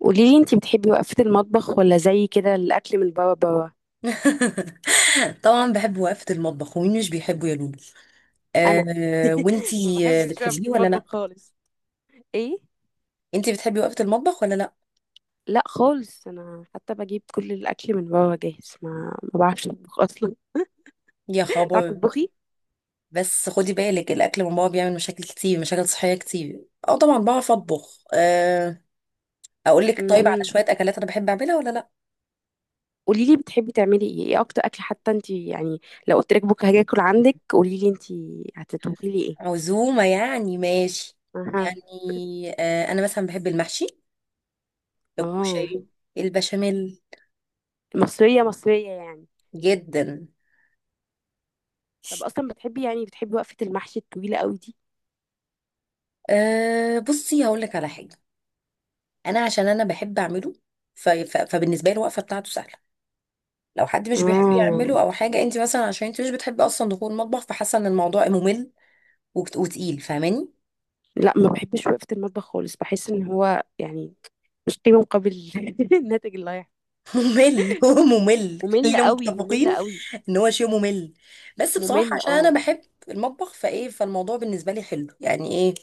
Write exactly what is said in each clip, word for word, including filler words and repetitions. قوليلي، انتي بتحبي وقفة المطبخ ولا زي كده الأكل من بابا بابا. طبعا بحب وقفة المطبخ ومين مش بيحبه يا لولو؟ أنا أه ما وانتي آه، بحبش بقى في بتحبيه ولا المطبخ لا؟ خالص. ايه؟ انتي بتحبي وقفة المطبخ ولا لا؟ لا خالص، أنا حتى بجيب كل الأكل من بابا جاهز، ما ما بعرفش أطبخ أصلا. يا تعرفي خبر! تطبخي؟ بس خدي بالك، الاكل من بابا بيعمل مشاكل كتير، مشاكل صحية كتير. اه، طبعا بعرف اطبخ، أه. اقول لك طيب، على مهم. شوية اكلات انا بحب اعملها ولا لا؟ قوليلي، بتحبي تعملي ايه ايه أكتر أكل حتى انتي يعني؟ لو قلت لك بكرة هاجي أكل عندك، قوليلي انتي هتطبخي لي ايه؟ عزومة يعني. ماشي أها. يعني. أه، انا مثلا بحب المحشي، اه. الكشري، البشاميل، مصرية مصرية يعني؟ جدا. طب أصلا بتحبي، يعني بتحبي وقفة المحشي الطويلة قوي دي؟ أه بصي، هقول لك على حاجة. انا عشان انا بحب اعمله، ف... ف... فبالنسبه لي الوقفه بتاعته سهله. لو حد مش بيحب اه. يعمله او حاجه، انت مثلا عشان انت مش بتحبي اصلا دخول المطبخ، فحاسه ان الموضوع ممل وبت- وتقيل، فاهماني؟ لا، ما بحبش وقفة المطبخ خالص. بحس ان هو يعني مش قيمة مقابل الناتج اللي هيحصل. ممل، هو ممل، ممل خلينا قوي ممل متفقين قوي. ان هو شيء ممل. بس بصراحه ممل عشان انا اه. بحب المطبخ، فايه، فالموضوع بالنسبه لي حلو، يعني ايه.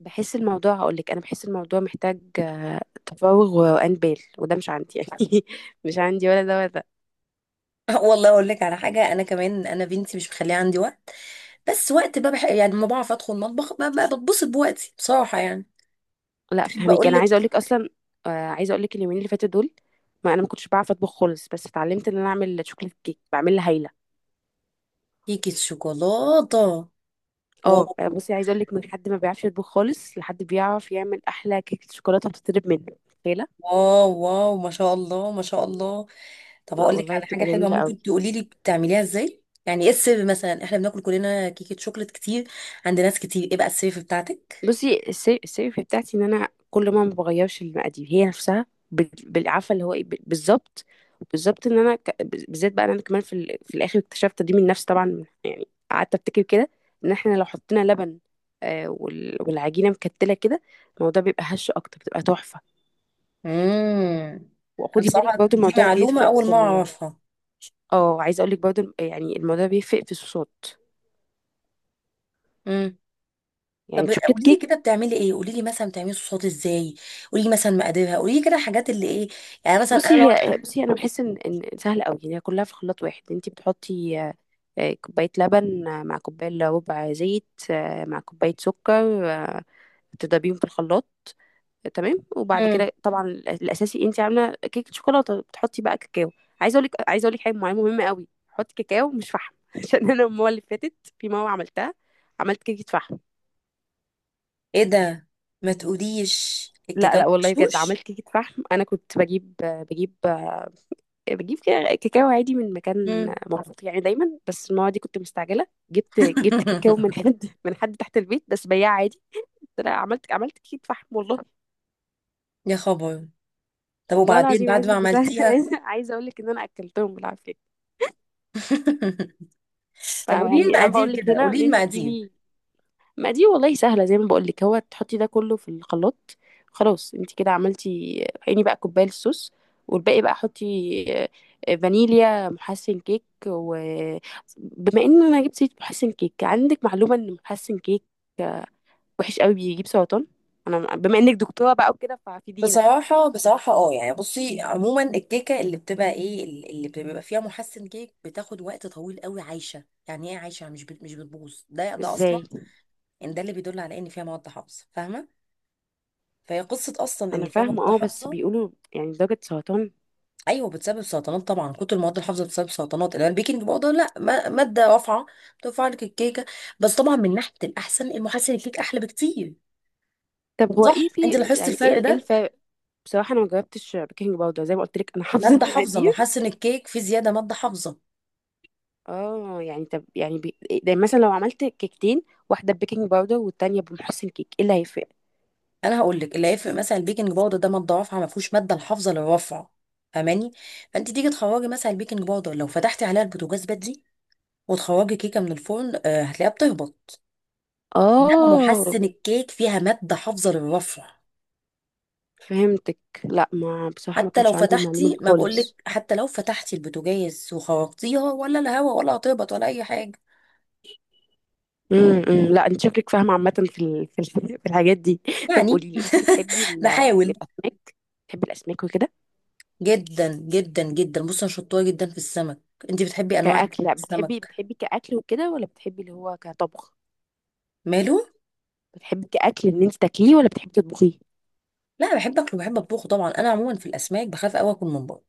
بحس الموضوع، هقول لك انا بحس الموضوع محتاج آه، تفاوغ وانبال، وده مش عندي يعني مش عندي ولا ده ولا ده. والله، اقول لك على حاجه، انا كمان، انا بنتي مش مخليه عندي وقت. بس وقت بقى، بح... يعني ما بعرف ادخل المطبخ. ب- ب- بتبسط بوقتي بصراحه يعني. لا، تحب فهمك. اقول انا عايزه لك؟ اقول لك اصلا، آه، عايزه اقول لك اليومين اللي فاتوا دول. ما انا ما كنتش بعرف اطبخ خالص، بس اتعلمت ان انا اعمل شوكليت كيك بعملها هايله. كيكه شوكولاته! اه، واو، بصي عايزه اقول لك، من حد ما بيعرفش يطبخ خالص لحد بيعرف يعمل احلى كيكه شوكولاته، بتطلب منه، متخيلة؟ واو، واو! ما شاء الله، ما شاء الله. طب لا هقول لك والله، على حاجه بتبقى حلوه، جميلة قوي. ممكن تقولي لي بتعمليها ازاي؟ يعني ايه السر؟ مثلا احنا بناكل كلنا كيكه شوكليت كتير عند ناس كتير، ايه بقى السر بتاعتك؟ بصي، السي- السيف بتاعتي ان انا كل ما ما بغيرش المقادير، هي نفسها بال- بالعافية، اللي هو ايه، ب- بالظبط بالظبط ان انا ك- بالذات بقى، إن انا كمان في، ال- في الاخر اكتشفت دي من نفسي طبعا يعني، قعدت افتكر كده ان احنا لو حطينا لبن آه، وال- والعجينة مكتلة كده، الموضوع بيبقى هش اكتر، بتبقى تحفة. امم انا وخدي بالك بصراحه برضو دي الموضوع معلومه بيفرق اول في ما ال... اعرفها. اه، عايزة اقول لك برضو، الم- يعني الموضوع بيفرق في الصوصات. امم يعني طب شوكليت قولي لي كيك. كده، بتعملي ايه؟ قولي لي مثلا بتعملي صوصات ازاي. قولي لي مثلا مقاديرها. قولي لي كده الحاجات اللي ايه. يعني مثلا انا بصي لو... هي، بصي انا بحس ان ان سهله قوي يعني، هي كلها في خلاط واحد. انت بتحطي آه، آه، كوبايه لبن، آه، مع كوبايه إلا ربع زيت، آه، مع كوبايه سكر، آه، تضربيهم في الخلاط. آه، تمام، وبعد امم كده طبعا الأ- الاساسي انت عامله كيكه شوكولاته، بتحطي بقى كاكاو. عايزه اقول لك عايزه اقول لك حاجه معينه مهمه قوي، حطي كاكاو مش فحم عشان انا المره اللي فاتت في مره عملتها، عملت كيكه فحم. ايه ده؟ ما تقوليش لا الكاكاو لا، والله بجد مغشوش! عملت كيكه فحم. انا كنت بجيب بجيب بجيب كا- كاكاو عادي من مكان امم. موثوق يعني دايما، بس المره دي كنت مستعجله، جبت جبت كاكاو من حد من حد تحت البيت، بس بياع عادي. قلت لها، عملت عملت كيك فحم والله. يا خبر! طب والله وبعدين العظيم، بعد عايز ما بس عملتيها؟ عايزه عايزه اقول لك ان انا اكلتهم بالعافيه. طب قولي فيعني انا بقول المقادير لك كده، هنا قولي ان انت المقادير. تجيبي. ما دي والله سهله، زي ما بقول لك، هو تحطي ده كله في الخلاط، خلاص انت كده عملتي. عيني بقى كوبايه الصوص، والباقي بقى حطي آه، فانيليا، محسن كيك. وبما ان انا جبت سيره محسن كيك، عندك معلومه ان محسن كيك وحش قوي، بيجيب سرطان؟ انا بما انك دكتوره بقى وكده، ففيدينا. بصراحة، بصراحة، اه، يعني بصي عموما، الكيكة اللي بتبقى ايه، اللي بتبقى فيها محسن كيك بتاخد وقت طويل قوي عايشة. يعني ايه عايشة؟ مش بت- مش بتبوظ، ده ده اصلا. ازاي؟ ان ده اللي بيدل على ان فيها مواد حافظة، فاهمة؟ فهي قصة اصلا انا ان فيها فاهمه مواد اه، بس حافظة. بيقولوا يعني درجه سرطان. ايوه، بتسبب سرطانات طبعا، كتر المواد الحافظة بتسبب سرطانات. انما البيكنج باودر لا، ما- مادة رافعة، بترفع لك الكيكة. بس طبعا، من ناحية الاحسن، المحسن الكيك احلى بكتير. طب هو صح، ايه في، انت لاحظت يعني ايه الفرق إيه ده؟ الفرق؟ بصراحه انا ما جربتش بيكنج باودر، زي ما قلت لك انا حافظه ماده حافظه. المقادير. محسن الكيك في زياده ماده حافظه. اه يعني، طب يعني بي... ده مثلا لو عملت كيكتين، واحده بيكنج باودر والتانيه بمحسن كيك، ايه اللي هيفرق؟ انا هقول لك اللي هيفرق، مثلا البيكنج باودر ده ماده رافعه، ما فيهوش ماده الحافظه للرفعه، فاهماني؟ فانت تيجي تخرجي مثلا البيكنج باودر، لو فتحتي عليها البوتاجاز بدري وتخرجي كيكه من الفرن، آه، هتلاقيها بتهبط. انما اه، محسن الكيك فيها ماده حافظه للرفع. فهمتك. لا ما، بصراحه ما حتى لو كانش عندي المعلومه دي فتحتي، ما خالص. بقولك، حتى لو فتحتي البوتاجاز وخرجتيها ولا الهواء، ولا هتهبط ولا اي حاجه. امم امم، لا انت شكلك فاهمه عامه في ال... في، ال... في الحاجات دي. طب يعني. قولي لي، انت بتحبي ال... بحاول. الاسماك؟ بتحبي الاسماك وكده؟ جدا جدا جدا، بص انا شطوره جدا في السمك. انت بتحبي انواع إيه كاكله؟ في بتحبي السمك؟ بتحبي كاكل وكده ولا بتحبي اللي هو كطبخ؟ ماله؟ بتحبي كاكل ان انت تاكليه ولا بتحبي تطبخيه؟ لا، بحب اكله وبحب اطبخه طبعا. انا عموما في الاسماك بخاف قوي اكل من بره.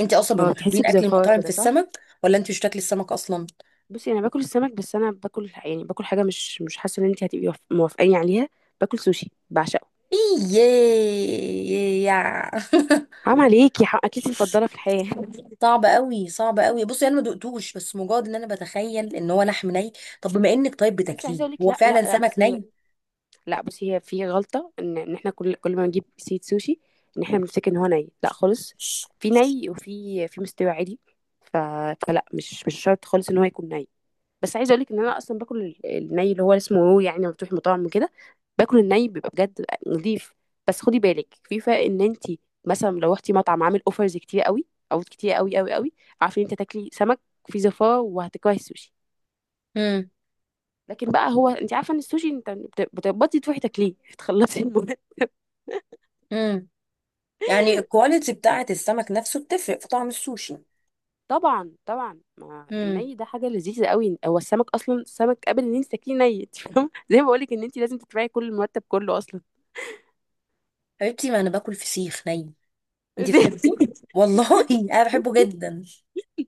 انت اصلا من اه، بتحسي محبين اكل بزفاره المطاعم في كده صح. السمك، ولا انت مش بتاكلي السمك اصلا؟ بصي انا باكل السمك، بس انا باكل يعني، باكل حاجه مش مش حاسه ان انت هتبقي وف- موافقاني عليها. باكل سوشي بعشقه. ايه؟ حرام عليكي، حق- اكلتي المفضله في الحياه صعب قوي، صعب قوي. بصي انا ما دقتوش، بس مجرد ان انا بتخيل ان هو لحم ني. طب بما انك طيب بس عايزه بتاكليه، اقول لك، هو لا لا فعلا لا، سمك بصي هو، ني؟ لا بصي، هي في غلطه ان ان احنا كل كل ما نجيب سيت سوشي، ان احنا بنفتكر ان هو ني. لا خالص، في ني وفي في مستوى عادي. ف... فلا، مش مش شرط خالص ان هو يكون ني. بس عايزه اقول لك ان انا اصلا باكل ال- الني اللي هو اسمه رو، يعني لما بتروحي مطاعم وكده باكل الني، بيبقى بجد نضيف. بس خدي بالك، في فرق ان انت مثلا لو رحتي مطعم عامل اوفرز كتير قوي او كتير قوي قوي قوي، عارفه ان انت تاكلي سمك في زفاره وهتكرهي السوشي. امم لكن بقى هو، انت عارفه ان السوشي انت بت- بتقبضي تروحي تاكليه تخلصي المهم. امم يعني الكواليتي بتاعه السمك نفسه بتفرق في طعم السوشي؟ طبعا طبعا، ما الني ده حاجه لذيذه قوي. هو السمك اصلا، السمك قبل ان انت تاكليه ني، انت فاهمه زي ما بقول لك ان انت لازم تدفعي كل المرتب كله اصلا. حبيبتي، ما انا باكل فسيخ ني، انتي بتحبيه؟ والله! انا بحبه جدا.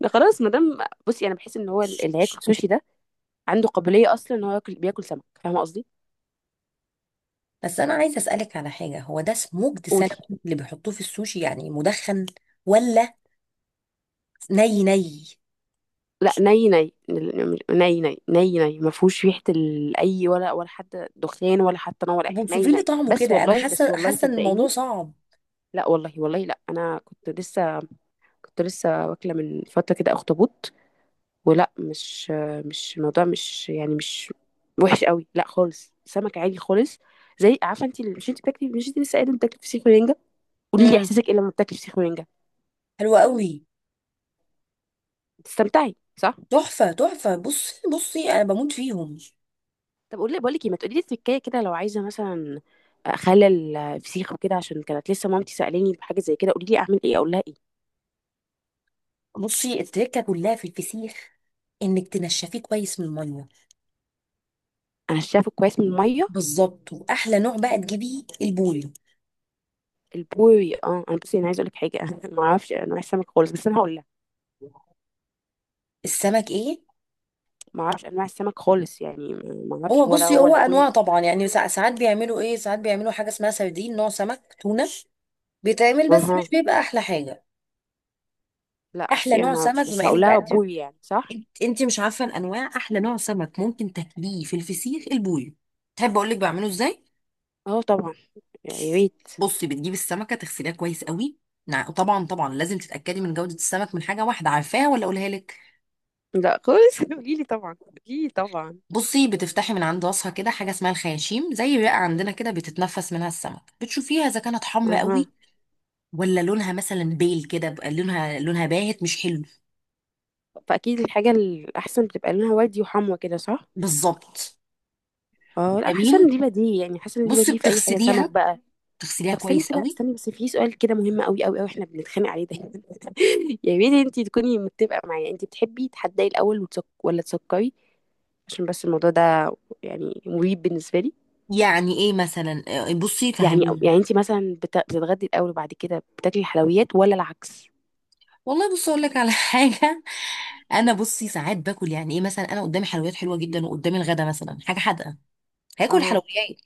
ده خلاص ما دام. بصي انا بحس ان هو اللي هياكل سوشي ده عنده قابليه اصلا ان هو ياكل، بياكل سمك، فاهمه قصدي؟ بس انا عايزه اسالك على حاجه، هو ده سموكد قولي. سالمون اللي بيحطوه في السوشي يعني مدخن، ولا ني ني؟ لا ني ني ني، ني ني ني، ما فيهوش ريحه ال- اي ولا ولا حتى دخان ولا حتى نوع ولا اي طب حاجه، ني وصفي لي ني، طعمه بس كده، انا والله بس حاسه والله حاسه ان الموضوع صدقيني. صعب. لا والله والله، لا انا كنت لسه، كنت لسه واكله من فتره كده اخطبوط، ولا مش، مش الموضوع مش يعني مش وحش قوي، لا خالص سمك عادي خالص. زي عارفه انت مش، انت بتاكلي مش، انت لسه قايله إنك بتاكلي فسيخ ورنجة. قولي لي امم احساسك ايه لما بتاكلي فسيخ ورنجة؟ حلو قوي. بتستمتعي صح؟ تحفه تحفه، بصي بصي انا بموت فيهم. طب قولي بقول لك ايه، ما تقولي لي التركية كده، لو عايزة مثلا اخلل الفسيخ وكده، عشان كانت لسه مامتي سألاني بحاجة زي كده، قولي لي اعمل ايه، اقول لها ايه؟ بصي، التركه كلها في الفسيخ، انك تنشفيه كويس من الميه. انا شايفه كويس من المية. بالظبط، واحلى نوع بقى تجيبيه البوري. البوري اه. انا بصي، انا عايزه اقول لك حاجه انا ما اعرفش انواع السمك خالص، بس انا هقول لها، السمك ايه؟ ما اعرفش انواع السمك خالص يعني. ما اعرفش هو ولا بصي، هو هو انواع البوري. طبعا يعني، سا- ساعات بيعملوا ايه، ساعات بيعملوا حاجه اسمها سردين، نوع سمك تونه بيتعمل، بس اها. مش بيبقى احلى حاجه. لا احلى بصي انا نوع ما اعرفش، سمك، بس بما هقول انك لها بقى انت بوري يعني صح؟ انت إنت مش عارفه الانواع، احلى نوع سمك ممكن تاكليه في الفسيخ البوي. تحب اقول لك بعمله ازاي؟ اه طبعا، يا ريت. بصي بتجيبي السمكه، تغسليها كويس قوي. نع- طبعا طبعا، لازم تتاكدي من جوده السمك من حاجه واحده، عارفاها ولا اقولها لك؟ لا خالص قولي لي طبعا، قولي لي طبعا. بصي بتفتحي من عند راسها كده حاجه اسمها الخياشيم، زي بقى عندنا كده بتتنفس منها السمك، بتشوفيها اذا كانت حمرا اها. قوي، ولا لونها مثلا بيل كده، بقى لونها، لونها باهت مش حلو. فاكيد الحاجه الاحسن بتبقى لونها وردي وحموة كده صح؟ بالظبط. اه، لا حاسه ان دي جميل. بديهي يعني، حاسه ان دي بصي بديهي في اي حاجه سمك بتغسليها، بقى. بتغسليها طب استني كويس كده، قوي. استني بس في سؤال كده مهم قوي قوي قوي، احنا بنتخانق عليه دايما يا ريت انت تكوني متفقه معايا، انت بتحبي تحدي الاول وتسك... ولا تسكري؟ عشان بس الموضوع ده يعني مريب بالنسبه لي. يعني ايه مثلا؟ آه، بصي يعني فهميني. يعني انت مثلا بت- بتتغدي الاول وبعد كده بتاكلي الحلويات ولا العكس؟ والله، بصي اقول لك على حاجه. انا بصي ساعات باكل، يعني ايه، مثلا انا قدامي حلويات حلوه جدا وقدامي الغدا مثلا حاجه حادقه، هاكل اها. حلويات.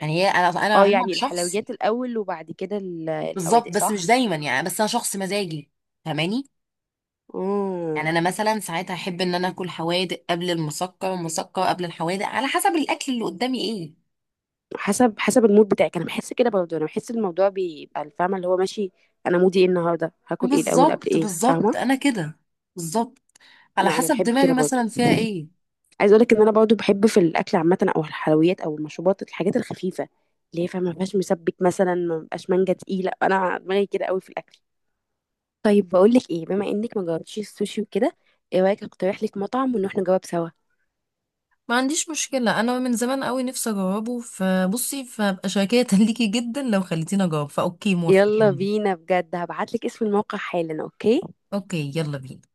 يعني هي انا انا اه عموما يعني شخص. الحلويات الاول وبعد كده ال- بالظبط، الحوادق بس مش صح؟ دايما يعني. بس انا شخص مزاجي، فاهماني؟ يعني اه، انا مثلا ساعات احب ان انا اكل حوادق قبل المسكر، ومسكر قبل الحوادق، على حسب الاكل اللي قدامي ايه. حسب حسب المود بتاعك. انا بحس كده برضه، انا بحس الموضوع بيبقى الفاهمه اللي هو ماشي، انا مودي ايه النهارده، هاكل ايه الاول قبل بالظبط ايه، فاهمه؟ بالظبط، انا كده، بالظبط، على لا انا حسب بحب دماغي كده برضه. مثلا فيها ايه. عايز اقولك ان انا برضه بحب في الاكل عامه، او الحلويات او المشروبات، الحاجات الخفيفه اللي هي فاهمه ما فيهاش مسبك مثلا، ما بقاش مانجا تقيله. انا دماغي كده قوي في الاكل. طيب بقول لك ايه، بما انك ما جربتيش السوشي وكده، ايه رايك اقترح لك مطعم ونروح نجرب سوا؟ ما عنديش مشكلة، أنا من زمان قوي نفسي أجربه، فبصي فأبقى شاكرة ليكي جدا لو خليتيني أجرب، فأوكي، موافقة، يلا تمام. بينا بجد، هبعت لك اسم الموقع حالا. اوكي. أوكي، يلا بينا.